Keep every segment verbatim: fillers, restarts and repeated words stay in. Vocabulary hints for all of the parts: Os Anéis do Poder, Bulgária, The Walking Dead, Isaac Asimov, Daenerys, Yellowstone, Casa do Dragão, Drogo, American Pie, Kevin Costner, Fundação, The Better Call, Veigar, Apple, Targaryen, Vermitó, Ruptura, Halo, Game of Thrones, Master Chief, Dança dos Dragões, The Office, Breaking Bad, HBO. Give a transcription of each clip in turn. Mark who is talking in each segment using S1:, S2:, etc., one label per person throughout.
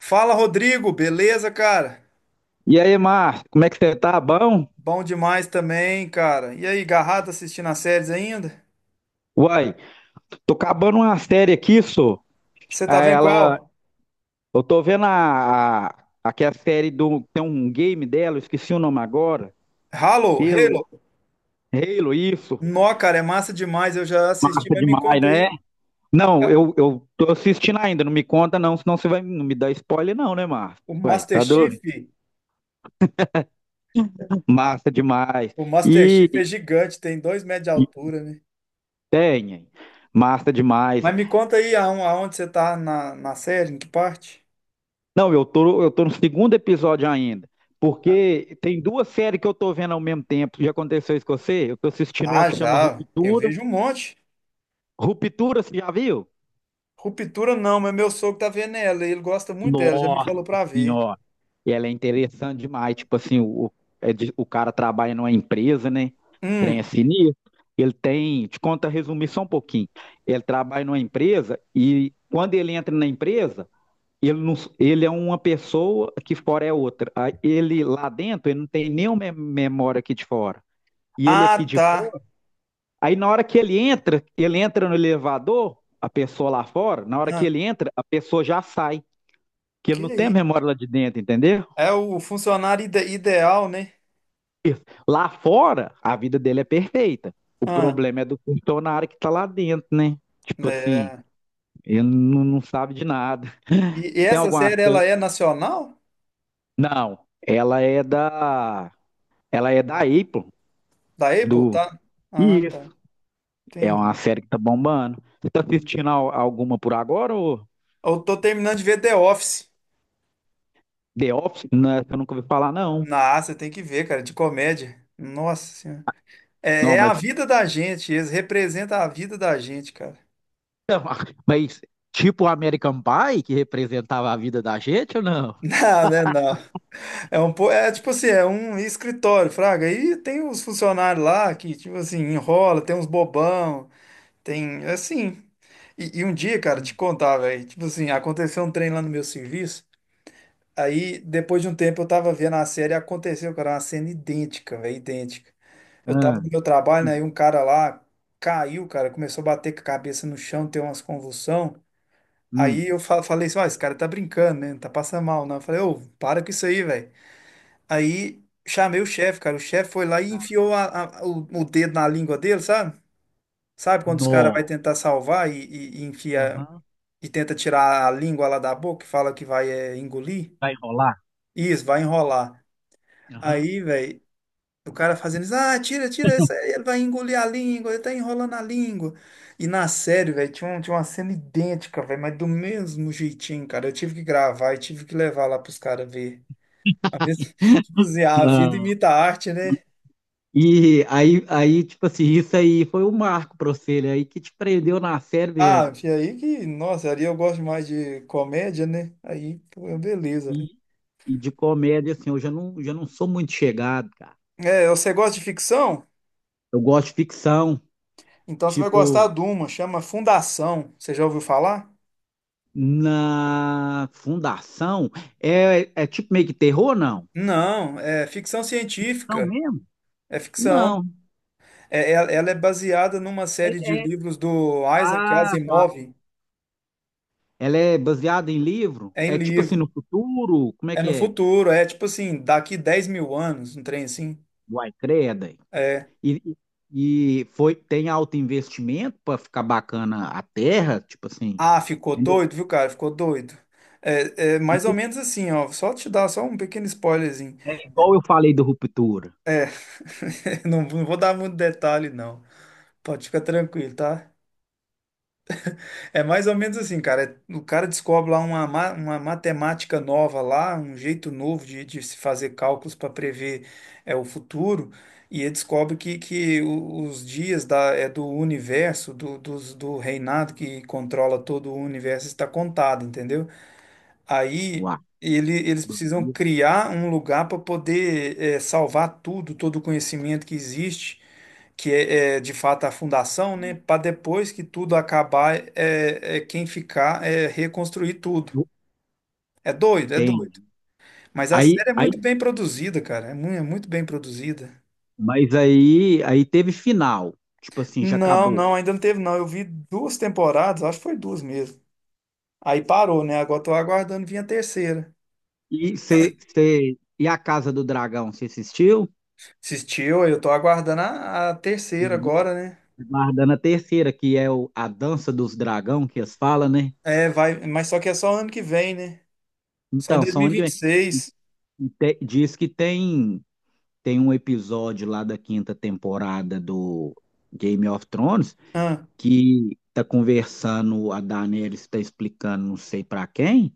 S1: Fala, Rodrigo, beleza, cara?
S2: E aí, Márcio, como é que você tá? Bom?
S1: Bom demais também, cara. E aí, garrado assistindo as séries ainda?
S2: Uai, tô acabando uma série aqui, só.
S1: Você tá
S2: Aí
S1: vendo
S2: ela.
S1: qual?
S2: Eu tô vendo a, a, aqui a série do. Tem um game dela, eu esqueci o nome agora.
S1: Halo,
S2: Halo,
S1: Halo.
S2: Halo, isso.
S1: Nó, cara, é massa demais, eu já assisti,
S2: Nossa,
S1: mas me
S2: demais,
S1: conta
S2: não é?
S1: aí.
S2: Não,
S1: é,
S2: eu, eu tô assistindo ainda, não me conta não, senão você vai não me dar spoiler, não, né, Márcio?
S1: O
S2: Uai,
S1: Master
S2: tá
S1: Chief,
S2: doido? Massa demais.
S1: o Master
S2: E,
S1: Chief é gigante, tem dois metros de
S2: e
S1: altura, né?
S2: Tem, hein? Massa demais.
S1: Mas me conta aí aon- aonde você tá na, na série, em que parte?
S2: Não, eu tô, eu tô no segundo episódio ainda. Porque tem duas séries que eu tô vendo ao mesmo tempo. Já aconteceu isso com você? Eu tô assistindo uma
S1: Ah,
S2: que chama
S1: já, eu
S2: Ruptura.
S1: vejo um monte.
S2: Ruptura, você já viu?
S1: Ruptura não, mas meu sogro tá vendo ela, ele gosta muito dela, já me
S2: Nossa
S1: falou pra ver.
S2: Senhora! E ela é interessante demais. Tipo assim, o, o é de- o cara trabalha numa empresa, né? Trem é
S1: Hum,
S2: sinistro. Ele tem, te conta resumir só um pouquinho. Ele trabalha numa empresa e quando ele entra na empresa. Ele, não, ele é uma pessoa que fora é outra. Aí ele lá dentro, ele não tem nenhuma memória aqui de fora. E ele aqui
S1: ah,
S2: de
S1: tá.
S2: fora. Aí na hora que ele entra, ele entra no elevador, a pessoa lá fora, na hora que
S1: Ah.
S2: ele entra, a pessoa já sai. Que ele
S1: Que
S2: não tem a
S1: aí?
S2: memória lá de dentro, entendeu?
S1: É o funcionário ide- ideal, né?
S2: Lá fora, a vida dele é perfeita. O
S1: Ah,
S2: problema é do funcionário que tá lá dentro, né? Tipo assim,
S1: é.
S2: ele não, não sabe de nada.
S1: E, e
S2: Tem
S1: essa
S2: alguma.
S1: série, ela é nacional?
S2: Não, ela é da. Ela é da Apple,
S1: Da Apple,
S2: do.
S1: tá? Ah, tá.
S2: Isso, é uma
S1: Entendi.
S2: série que tá bombando. Você tá assistindo al- alguma por agora ou
S1: Eu tô terminando de ver The Office.
S2: The Office? Não, essa eu nunca ouvi falar, não.
S1: Nossa, você tem que ver, cara, de comédia. Nossa Senhora. É,
S2: Não,
S1: é a
S2: mas,
S1: vida da gente, eles representam a vida da gente, cara.
S2: mas tipo o American Pie, que representava a vida da gente ou não?
S1: Não, né, não. É um, po- é tipo assim, é um escritório, fraga. E tem os funcionários lá que, tipo assim, enrola, tem uns bobão. Tem, assim. E, e um dia, cara, te
S2: Hum,
S1: contar, velho. Tipo assim, aconteceu um trem lá no meu serviço. Aí, depois de um tempo, eu tava vendo a série e aconteceu, cara, uma cena idêntica, velho, idêntica. Eu tava no
S2: hum,
S1: meu trabalho, né? E um cara lá caiu, cara, começou a bater com a cabeça no chão, ter umas convulsão. Aí
S2: hum.
S1: eu fa- falei assim, ó, esse cara tá brincando, né? Não tá passando mal, não. Eu falei, ô, para com isso aí, velho. Aí chamei o chefe, cara. O chefe foi lá e
S2: Tá.
S1: enfiou a- a- o, o dedo na língua dele, sabe? Sabe quando os caras
S2: Nó.
S1: vai tentar salvar e, e, e enfia
S2: Aham.
S1: e tenta tirar a língua lá da boca, e fala que vai é, engolir.
S2: Vai rolar?
S1: Isso, vai enrolar.
S2: Aham.
S1: Aí, velho, o cara fazendo isso, ah, tira, tira, isso aí, ele vai engolir a língua, ele tá enrolando a língua. E na série, velho, tinha, um- tinha uma cena idêntica, velho, mas do mesmo jeitinho, cara. Eu tive que gravar e tive que levar lá pros caras ver. A mesma, tipo assim, a vida
S2: Ah,
S1: imita a arte, né?
S2: e aí, aí, tipo assim, isso aí foi um marco pra você, né? Aí que te prendeu na série
S1: Ah,
S2: mesmo.
S1: e aí que, nossa, ali eu gosto mais de comédia, né? Aí, pô, beleza.
S2: E,
S1: Velho.
S2: e de comédia, assim, eu já não, já não sou muito chegado, cara.
S1: É, você gosta de ficção?
S2: Eu gosto de ficção.
S1: Então você vai gostar
S2: Tipo,
S1: de uma, chama Fundação. Você já ouviu falar?
S2: na fundação, é, é tipo meio que terror, não?
S1: Não, é ficção
S2: Não
S1: científica.
S2: mesmo?
S1: É ficção.
S2: Não.
S1: É, é- ela é baseada numa
S2: É,
S1: série de
S2: é.
S1: livros do Isaac
S2: Ah, tá.
S1: Asimov.
S2: Ela é baseada em livro?
S1: É em
S2: É tipo assim, no
S1: livro.
S2: futuro? Como é
S1: É
S2: que
S1: no
S2: é?
S1: futuro. É tipo assim, daqui dez mil anos, um trem assim.
S2: Uai, creda, hein?
S1: É.
S2: E, e Foi, tem alto investimento para ficar bacana a terra? Tipo assim,
S1: Ah, ficou
S2: entendeu?
S1: doido, viu, cara? Ficou doido. É, é mais ou menos assim, ó. Só te dar só um pequeno spoilerzinho.
S2: É igual eu falei do Ruptura.
S1: É. Não, não vou dar muito detalhe, não. Pode ficar tranquilo, tá? É mais ou menos assim, cara. é, O cara descobre lá uma, ma- uma matemática nova lá, um jeito novo de, de se fazer cálculos para prever é, o futuro, e ele descobre que, que o- os dias da, é, do universo, do, dos- do reinado que controla todo o universo está contado, entendeu? Aí
S2: Uai,
S1: ele- eles
S2: do
S1: precisam
S2: livro,
S1: criar um lugar para poder é, salvar tudo, todo o conhecimento que existe que é, é, de fato a fundação, né? Para depois que tudo acabar, é, é quem ficar é reconstruir tudo. É doido, é
S2: tem.
S1: doido. Mas a
S2: Aí,
S1: série é
S2: aí,
S1: muito bem produzida, cara. É muito, é muito bem produzida.
S2: mas aí, aí teve final. Tipo assim, já
S1: Não,
S2: acabou.
S1: não, ainda não teve, não. Eu vi duas temporadas, acho que foi duas mesmo. Aí parou, né? Agora tô aguardando vir a terceira.
S2: E, cê, cê- e a Casa do Dragão, você assistiu?
S1: Assistiu, eu tô aguardando a, a terceira agora, né?
S2: Guardando a terceira, que é o, a Dança dos Dragão, que eles falam, né?
S1: É, vai, mas só que é só ano que vem, né? Só em
S2: Então, só onde que vem.
S1: dois mil e vinte e seis.
S2: E te- diz que tem, tem um episódio lá da quinta temporada do Game of Thrones
S1: Ah,
S2: que tá conversando, a Daenerys está explicando não sei pra quem,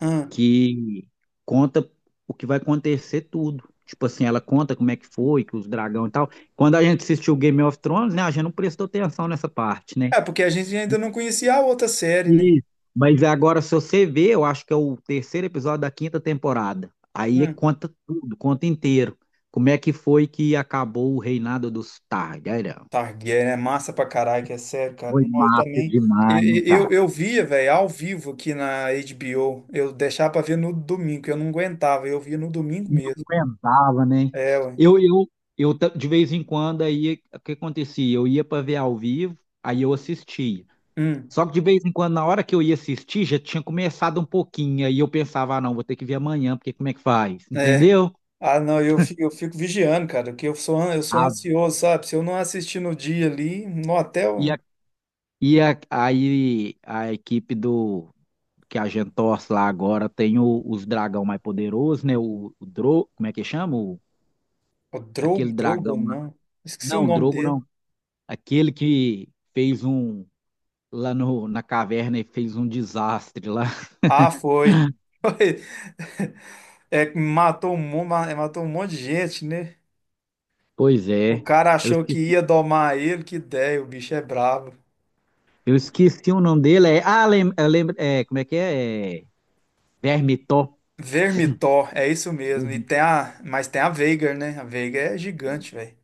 S1: ah.
S2: que conta o que vai acontecer tudo. Tipo assim, ela conta como é que foi, que os dragão e tal. Quando a gente assistiu Game of Thrones, né, a gente não prestou atenção nessa parte, né?
S1: É, porque a gente ainda não conhecia a outra série.
S2: E mas agora, se você ver, eu acho que é o terceiro episódio da quinta temporada. Aí
S1: Hum,
S2: conta tudo, conta inteiro. Como é que foi que acabou o reinado dos Targaryen?
S1: Targaryen é massa pra caralho, que é sério, cara.
S2: Foi
S1: Não, eu
S2: massa
S1: também.
S2: demais, hein,
S1: Eu, eu,
S2: cara?
S1: eu via, velho, ao vivo aqui na H B O. Eu deixava pra ver no domingo, que eu não aguentava. Eu via no domingo
S2: Não
S1: mesmo.
S2: aguentava, né?
S1: É, ué.
S2: Eu, eu, eu ta- de vez em quando aí o que acontecia? Eu ia para ver ao vivo, aí eu assistia.
S1: Hum,
S2: Só que de vez em quando, na hora que eu ia assistir, já tinha começado um pouquinho, aí eu pensava, ah, não, vou ter que ver amanhã, porque como é que faz?
S1: é.
S2: Entendeu?
S1: Ah, não, eu fico, eu fico vigiando, cara, que eu sou, an- eu sou
S2: A-
S1: ansioso, sabe? Se eu não assistir no dia ali, no
S2: e
S1: hotel,
S2: a, e a- aí a equipe do que a gente torce lá agora tem o- os dragão mais poderosos, né? O, o Dro, como é que chama? O-
S1: o
S2: aquele
S1: Drogo,
S2: dragão.
S1: Drogo, não. Esqueci o
S2: Não, o
S1: nome
S2: Drogo
S1: dele.
S2: não. Aquele que fez um lá no, na caverna e fez um desastre lá.
S1: Ah, foi. Foi. É, que matou um, mon- ma- matou um monte de gente, né?
S2: Pois
S1: O
S2: é.
S1: cara
S2: Eu
S1: achou que
S2: esqueci,
S1: ia domar ele, que ideia, o bicho é brabo.
S2: eu esqueci o nome dele. É, ah, lem, eu lembro. É, como é que é? É, Vermitó.
S1: Vermitor, é isso mesmo. E
S2: Vermi-
S1: tem a, mas tem a Veigar, né? A Veigar é gigante, velho.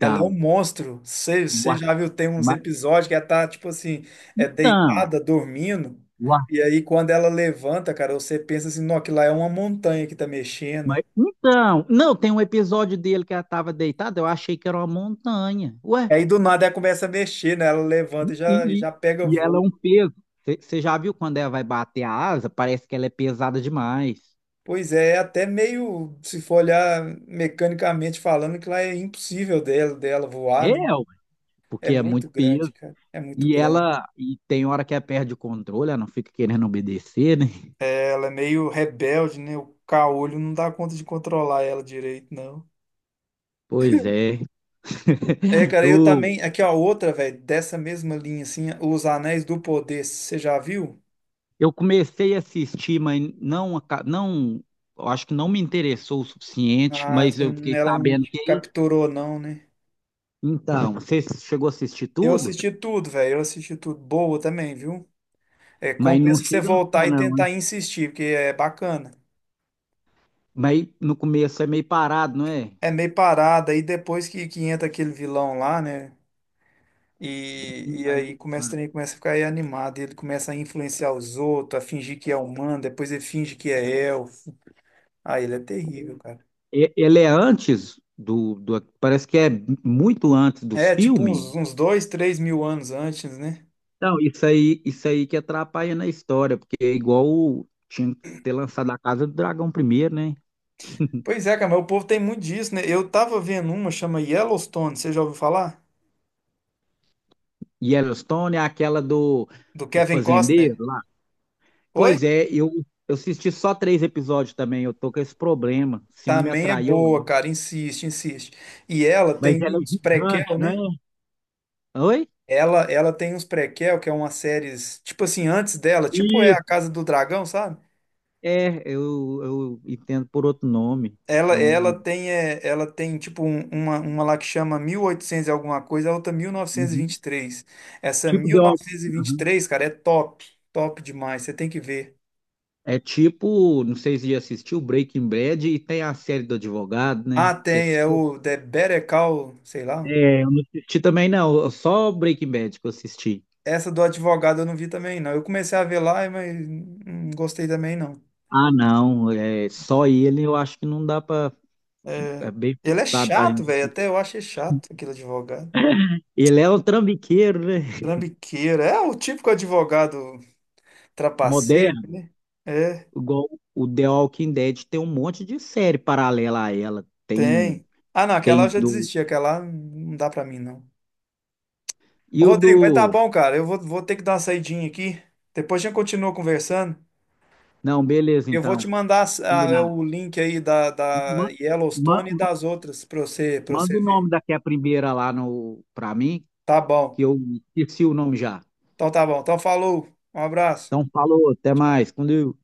S1: Ela é um monstro. Você
S2: O Ar-
S1: já viu, tem uns
S2: Ma-
S1: episódios que ela tá, tipo assim, é
S2: então.
S1: deitada, dormindo.
S2: O Ar-
S1: E aí, quando ela levanta, cara, você pensa assim, não, aquilo lá é uma montanha que tá mexendo.
S2: Ma-
S1: E
S2: então. Não, tem um episódio dele que ela estava deitada. Eu achei que era uma montanha. Ué.
S1: aí, do nada, ela começa a mexer, né? Ela levanta
S2: E,
S1: e já,
S2: e,
S1: já pega
S2: e ela é
S1: voo.
S2: um peso. Você já viu quando ela vai bater a asa? Parece que ela é pesada demais.
S1: Pois é, é até meio, se for olhar mecanicamente falando, que lá é impossível dela, dela voar,
S2: É,
S1: né?
S2: ué,
S1: É
S2: porque é
S1: muito
S2: muito
S1: grande,
S2: peso.
S1: cara. É muito
S2: E
S1: grande.
S2: ela, e tem hora que ela perde o controle, ela não fica querendo obedecer, né?
S1: Ela é meio rebelde, né? O caolho não dá conta de controlar ela direito, não.
S2: Pois é.
S1: É, cara, eu
S2: Eu,
S1: também. Aqui, ó, outra, velho, dessa mesma linha, assim, Os Anéis do Poder, você já viu?
S2: eu comecei a assistir, mas não, aca- não, eu acho que não me interessou o suficiente,
S1: Ah,
S2: mas eu fiquei
S1: ela não
S2: sabendo
S1: te
S2: que.
S1: capturou, não, né?
S2: Então, você chegou a assistir
S1: Eu
S2: tudo,
S1: assisti tudo, velho. Eu assisti tudo. Boa também, viu? É,
S2: mas não
S1: compensa você
S2: chega nos
S1: voltar
S2: pés,
S1: e
S2: não, hein?
S1: tentar insistir, porque é bacana.
S2: Mas no começo é meio parado, não é?
S1: É meio parada, aí depois que, que entra aquele vilão lá, né? E,
S2: Sim,
S1: e
S2: aí
S1: aí
S2: eu-
S1: começa, o
S2: ah.
S1: trem começa a ficar aí animado, ele começa a influenciar os outros, a fingir que é humano, depois ele finge que é elfo. Ah, ele é terrível, cara.
S2: E- ele é antes do, do. Parece que é muito antes dos
S1: É, tipo
S2: filmes.
S1: uns, uns dois, três mil anos antes, né?
S2: Não, isso aí, isso aí que atrapalha na história, porque é igual o- tinha que ter lançado a Casa do Dragão primeiro, né?
S1: Pois é, cara, mas o povo tem muito disso, né? Eu tava vendo uma, chama Yellowstone, você já ouviu falar?
S2: Yellowstone é aquela do,
S1: Do
S2: do
S1: Kevin Costner?
S2: fazendeiro lá.
S1: Oi?
S2: Pois é, eu, eu assisti só três episódios também, eu tô com esse problema, se não me
S1: Também é
S2: atraiu
S1: boa,
S2: lá.
S1: cara, insiste, insiste. E ela
S2: Mas
S1: tem
S2: ela é
S1: uns prequel,
S2: gigante, não
S1: né?
S2: é? Oi?
S1: Ela, ela tem uns prequel, que é uma séries, tipo assim, antes dela, tipo é a
S2: Isso.
S1: Casa do Dragão, sabe?
S2: É, eu, eu entendo por outro nome.
S1: Ela,
S2: É
S1: ela
S2: um.
S1: tem, é, ela tem tipo um- uma, uma lá que chama mil e oitocentos e alguma coisa, a outra mil novecentos e
S2: Uhum.
S1: vinte e três Essa
S2: Tipo
S1: mil
S2: de.
S1: novecentos e e vinte e
S2: Uhum.
S1: três, cara, é top, top demais, você tem que ver.
S2: É tipo, não sei se já assistiu Breaking Bad e tem a série do advogado, né?
S1: Ah,
S2: Já
S1: tem, é
S2: assistiu?
S1: o The Better Call, sei lá.
S2: É, eu não assisti também, não. Só Breaking Bad que eu assisti.
S1: Essa do advogado eu não vi também, não. Eu comecei a ver lá, mas não gostei também, não.
S2: Ah, não. É, só ele eu acho que não dá pra.
S1: É,
S2: É bem
S1: ele é
S2: forçado pra
S1: chato,
S2: gente.
S1: velho, até eu achei chato aquele advogado.
S2: Ele é um trambiqueiro, né?
S1: Trambiqueira. É o típico advogado trapaceiro,
S2: Moderno.
S1: né? É,
S2: Igual o The Walking Dead tem um monte de série paralela a ela. Tem,
S1: tem. Ah, não, aquela eu
S2: tem
S1: já
S2: do.
S1: desisti, aquela lá não dá pra mim, não. Ô,
S2: E o
S1: Rodrigo, mas tá
S2: do.
S1: bom, cara. Eu vou, vou ter que dar uma saidinha aqui. Depois a gente continua conversando.
S2: Não, beleza,
S1: Eu vou te
S2: então.
S1: mandar as- a- é,
S2: Combinado.
S1: o link aí da, da
S2: Ma- ma-
S1: Yellowstone e
S2: ma-
S1: das outras pra você, pra
S2: Manda
S1: você
S2: o nome
S1: ver.
S2: daquela primeira lá no... pra mim,
S1: Tá
S2: que
S1: bom.
S2: eu esqueci o nome já.
S1: Então tá bom. Então falou. Um abraço.
S2: Então, falou, até mais. Quando